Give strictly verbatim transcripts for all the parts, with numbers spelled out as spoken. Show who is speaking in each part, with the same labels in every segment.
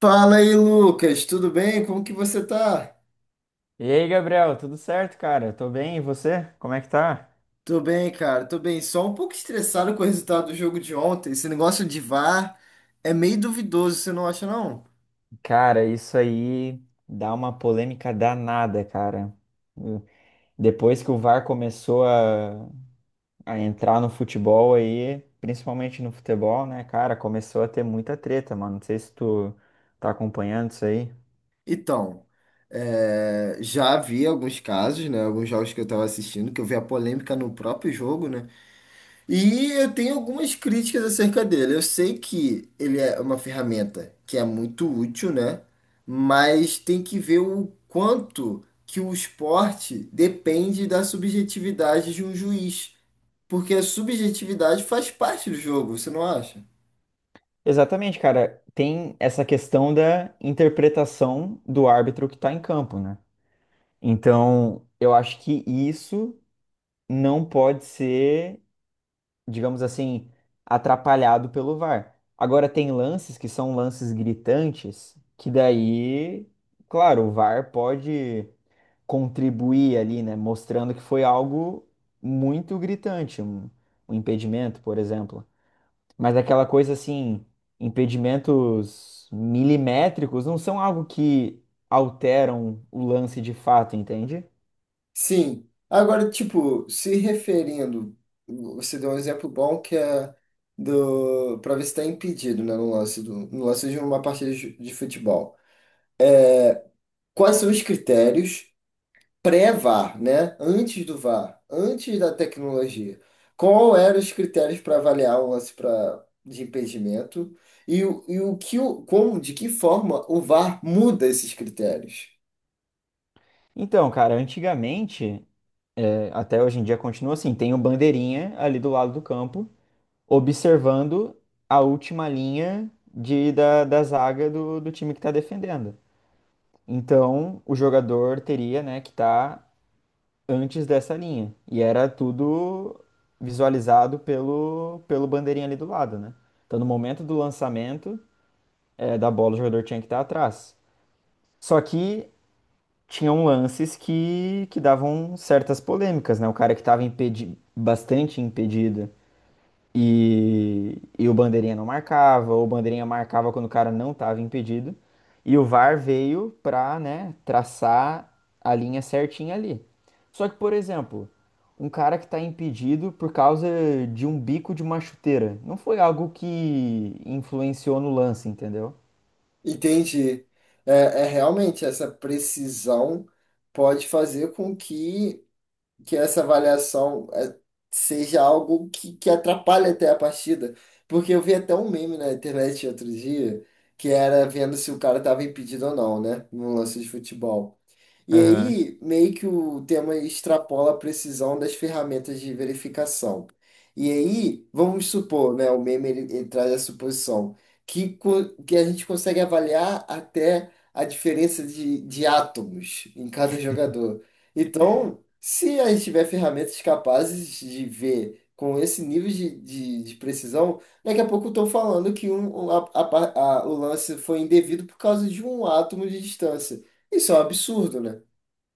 Speaker 1: Fala aí, Lucas, tudo bem? Como que você tá?
Speaker 2: E aí, Gabriel, tudo certo, cara? Tô bem, e você? Como é que tá?
Speaker 1: Tô bem, cara, tô bem. Só um pouco estressado com o resultado do jogo de ontem. Esse negócio de V A R é meio duvidoso, você não acha, não?
Speaker 2: Cara, isso aí dá uma polêmica danada, cara. Eu- Depois que o VAR começou a, a entrar no futebol aí, principalmente no futebol, né, cara, começou a ter muita treta, mano. Não sei se tu tá acompanhando isso aí.
Speaker 1: Então, é, já vi alguns casos, né? Alguns jogos que eu tava assistindo, que eu vi a polêmica no próprio jogo, né? E eu tenho algumas críticas acerca dele. Eu sei que ele é uma ferramenta que é muito útil, né? Mas tem que ver o quanto que o esporte depende da subjetividade de um juiz, porque a subjetividade faz parte do jogo, você não acha?
Speaker 2: Exatamente, cara. Tem essa questão da interpretação do árbitro que tá em campo, né? Então, eu acho que isso não pode ser, digamos assim, atrapalhado pelo VAR. Agora tem lances que são lances gritantes, que daí, claro, o VAR pode contribuir ali, né, mostrando que foi algo muito gritante, um, um impedimento, por exemplo. Mas aquela coisa assim, impedimentos milimétricos não são algo que alteram o lance de fato, entende?
Speaker 1: Sim. Agora, tipo, se referindo, você deu um exemplo bom, que é do para ver se está impedido, né, no lance do, no lance de uma partida de de futebol. Quais são os critérios pré-V A R, né? Antes do V A R, antes da tecnologia. Qual eram os critérios para avaliar o lance pra, de impedimento e, o, e o que o, como, de que forma o V A R muda esses critérios?
Speaker 2: Então, cara, antigamente, é, até hoje em dia continua assim, tem o bandeirinha ali do lado do campo observando a última linha de, da, da zaga do, do time que está defendendo. Então, o jogador teria, né, que estar antes dessa linha. E era tudo visualizado pelo, pelo bandeirinha ali do lado, né? Então, no momento do lançamento, eh, da bola, o jogador tinha que estar atrás. Só que tinham lances que, que davam certas polêmicas, né? O cara que estava impedi bastante impedido. E, e o bandeirinha não marcava, ou o bandeirinha marcava quando o cara não estava impedido. E o VAR veio pra, né, traçar a linha certinha ali. Só que, por exemplo, um cara que está impedido por causa de um bico de uma chuteira, não foi algo que influenciou no lance, entendeu?
Speaker 1: Entende? É, é realmente essa precisão pode fazer com que que essa avaliação é, seja algo que, que atrapalhe até a partida. Porque eu vi até um meme na internet outro dia, que era vendo se o cara estava impedido ou não, né? Num lance de futebol. E aí, meio que o tema extrapola a precisão das ferramentas de verificação. E aí, vamos supor, né, o meme ele, ele traz a suposição que, co- que a gente consegue avaliar até a diferença de, de átomos em cada jogador. Então, se a gente tiver ferramentas capazes de ver com esse nível de, de, de precisão, daqui a pouco estão falando que um, um- a- a- a- o lance foi indevido por causa de um átomo de distância. Isso é um absurdo, né?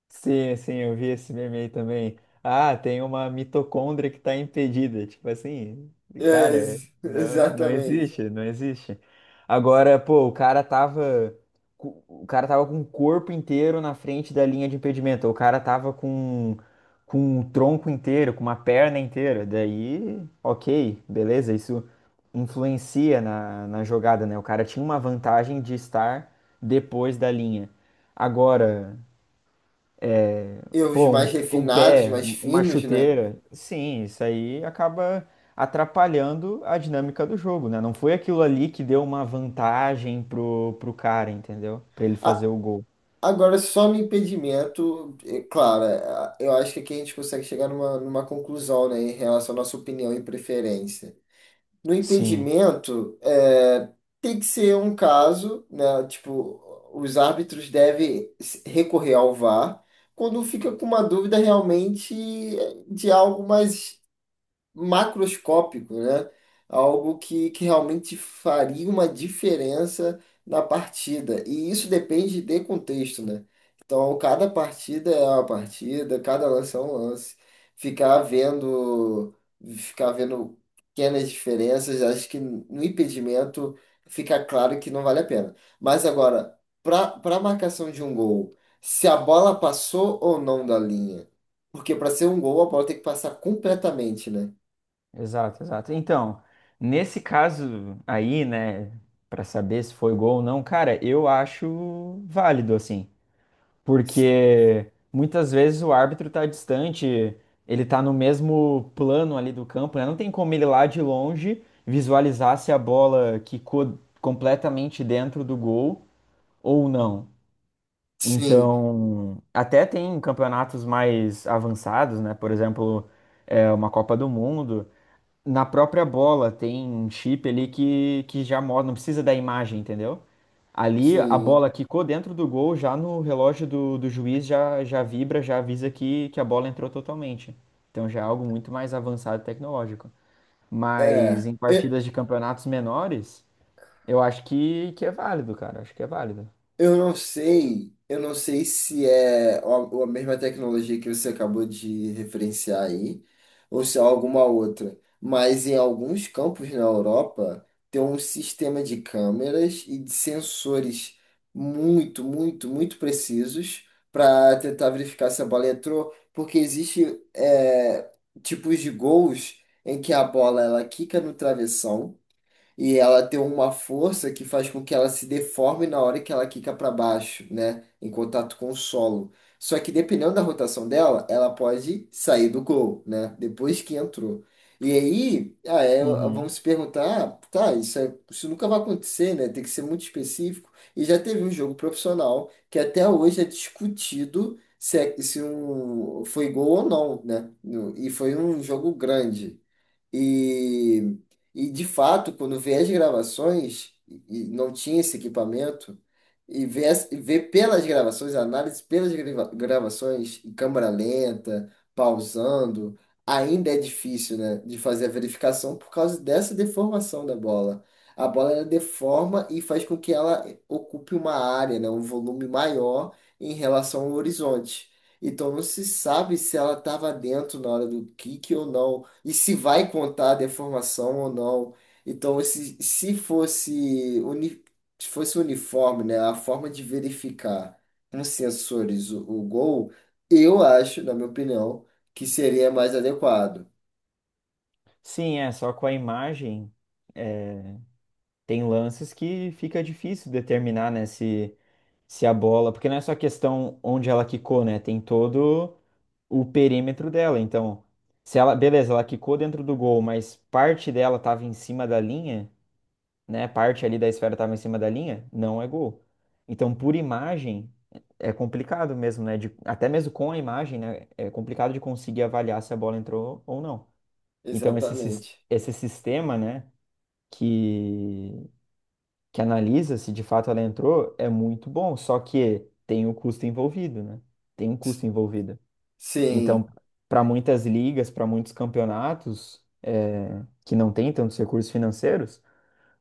Speaker 2: Sim, sim, eu vi esse meme aí também. Ah, tem uma mitocôndria que tá impedida. Tipo assim,
Speaker 1: É,
Speaker 2: cara,
Speaker 1: ex-
Speaker 2: não, não existe,
Speaker 1: exatamente.
Speaker 2: não existe. Agora, pô, o cara tava. co- O cara tava com o corpo inteiro na frente da linha de impedimento. O cara tava com, com o tronco inteiro, com uma perna inteira. Daí, ok, beleza, isso influencia na, na jogada, né? O cara tinha uma vantagem de estar depois da linha. Agora.
Speaker 1: E os
Speaker 2: Pô, um,
Speaker 1: mais
Speaker 2: um
Speaker 1: refinados,
Speaker 2: pé,
Speaker 1: mais
Speaker 2: um- uma
Speaker 1: finos, né?
Speaker 2: chuteira. Sim, isso aí acaba atrapalhando a dinâmica do jogo, né? Não foi aquilo ali que deu uma vantagem pro, pro cara, entendeu? Pra ele fazer
Speaker 1: A-
Speaker 2: o gol.
Speaker 1: Agora, só no impedimento, é claro, é, eu acho que aqui a gente consegue chegar numa, numa conclusão, né, em relação à nossa opinião e preferência. No
Speaker 2: Sim,
Speaker 1: impedimento, é, tem que ser um caso, né? Tipo, os árbitros devem se- recorrer ao V A R quando fica com uma dúvida realmente de algo mais macroscópico, né? Algo que, que realmente faria uma diferença na partida. E isso depende de contexto, né? Então, cada partida é uma partida, cada lance é um lance. Ficar vendo, ficar vendo pequenas diferenças, acho que no impedimento fica claro que não vale a pena. Mas agora, para para a marcação de um gol, se a bola passou ou não da linha, porque para ser um gol, a bola tem que passar completamente, né?
Speaker 2: exato, exato. Então, nesse caso aí, né, pra saber se foi gol ou não, cara, eu acho válido assim,
Speaker 1: Si-
Speaker 2: porque muitas vezes o árbitro está distante, ele está no mesmo plano ali do campo, né? Não tem como ele lá de longe visualizar se a bola quicou completamente dentro do gol ou não.
Speaker 1: Sim,
Speaker 2: Então, até tem campeonatos mais avançados, né? Por exemplo, é, uma Copa do Mundo. Na própria bola tem um chip ali que, que já mostra, não precisa da imagem, entendeu? Ali a
Speaker 1: sim.
Speaker 2: bola quicou dentro do gol, já no relógio do, do juiz já, já vibra, já avisa que, que a bola entrou totalmente. Então já é algo muito mais avançado tecnológico. Mas
Speaker 1: É,
Speaker 2: em
Speaker 1: E-
Speaker 2: partidas de campeonatos menores, eu acho que, que é válido, cara. Acho que é válido.
Speaker 1: eu não sei, eu não sei se é a a mesma tecnologia que você acabou de referenciar aí, ou se é alguma outra. Mas em alguns campos na Europa tem um sistema de câmeras e de sensores muito, muito, muito precisos para tentar verificar se a bola entrou, porque existe é, tipos de gols em que a bola ela quica no travessão. E ela tem uma força que faz com que ela se deforme na hora que ela quica para baixo, né? Em contato com o solo. Só que dependendo da rotação dela, ela pode sair do gol, né? Depois que entrou. E aí, ah, é,
Speaker 2: Uhum.
Speaker 1: vamos se perguntar, ah, tá, isso, é- isso nunca vai acontecer, né? Tem que ser muito específico. E já teve um jogo profissional que até hoje é discutido se, é- se um, foi gol ou não, né? No- E foi um jogo grande. E, e de fato, quando vê as gravações, e e não tinha esse equipamento, e vê, as- e vê pelas gravações, a análise pelas grava- gravações, em câmera lenta, pausando, ainda é difícil, né, de fazer a verificação por causa dessa deformação da bola. A bola ela deforma e faz com que ela ocupe uma área, né, um volume maior em relação ao horizonte. Então não se sabe se ela estava dentro na hora do kick ou não, e se vai contar a deformação ou não. Então, se, se fosse, uni, se fosse uniforme, né, a forma de verificar com sensores o, o gol, eu acho, na minha opinião, que seria mais adequado.
Speaker 2: Sim, é. Só com a imagem, é, tem lances que fica difícil determinar, né, se, se a bola, porque não é só a questão onde ela quicou, né? Tem todo o perímetro dela. Então, se ela, beleza, ela quicou dentro do gol, mas parte dela estava em cima da linha, né? Parte ali da esfera estava em cima da linha, não é gol. Então, por imagem, é complicado mesmo, né? De- até mesmo com a imagem, né? É complicado de conseguir avaliar se a bola entrou ou não. Então, esse, sis-
Speaker 1: Exatamente.
Speaker 2: esse sistema, né? Que que analisa se de fato ela entrou, é muito bom, só que tem o custo envolvido, né? Tem um custo envolvido.
Speaker 1: Sim.
Speaker 2: Então, para muitas ligas, para muitos campeonatos, é, que não têm tantos recursos financeiros,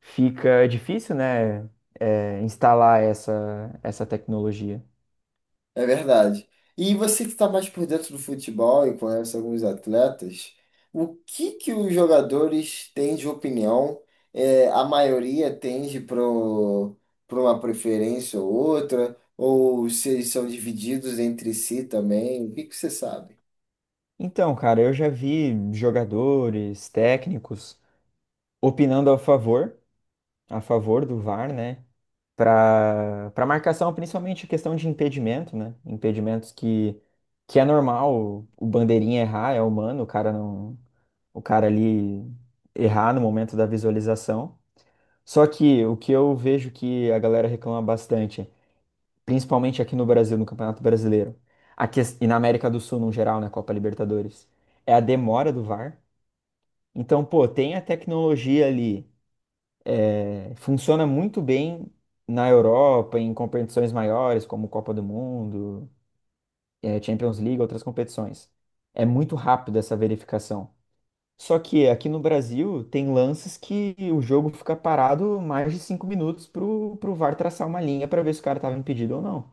Speaker 2: fica difícil, né? É, instalar essa, essa tecnologia.
Speaker 1: É verdade. E você que está mais por dentro do futebol e conhece alguns atletas, o que que os jogadores têm de opinião? É, a maioria tende para uma preferência ou outra, ou se eles são divididos entre si também? O que que você sabe?
Speaker 2: Então, cara, eu já vi jogadores, técnicos opinando a favor, a favor do VAR, né? para para marcação, principalmente a questão de impedimento, né? Impedimentos que que é normal o o bandeirinha errar, é humano, o cara não, o cara ali errar no momento da visualização. Só que o que eu vejo que a galera reclama bastante, principalmente aqui no Brasil, no Campeonato Brasileiro, a ques- e na América do Sul no geral, na Copa Libertadores, é a demora do VAR. Então, pô, tem a tecnologia ali. É, Funciona muito bem na Europa, em competições maiores, como Copa do Mundo, eh, Champions League, outras competições. É muito rápido essa verificação. Só que aqui no Brasil tem lances que o jogo fica parado mais de cinco minutos para o VAR traçar uma linha para ver se o cara estava impedido ou não.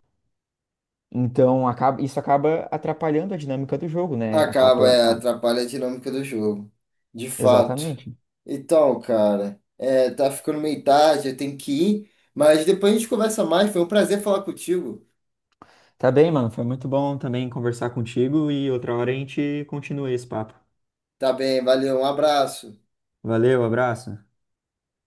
Speaker 2: Então acaba- isso acaba atrapalhando a dinâmica do jogo, né?
Speaker 1: Acaba,
Speaker 2: Acaba.
Speaker 1: é,
Speaker 2: Ah,
Speaker 1: atrapalha a dinâmica do jogo, de fato.
Speaker 2: exatamente.
Speaker 1: Então, cara, é, tá ficando meio tarde, eu tenho que ir, mas depois a gente conversa mais. Foi um prazer falar contigo.
Speaker 2: Tá bem, mano. Foi muito bom também conversar contigo e outra hora a gente continua esse papo.
Speaker 1: Tá bem, valeu, um abraço.
Speaker 2: Valeu, abraço.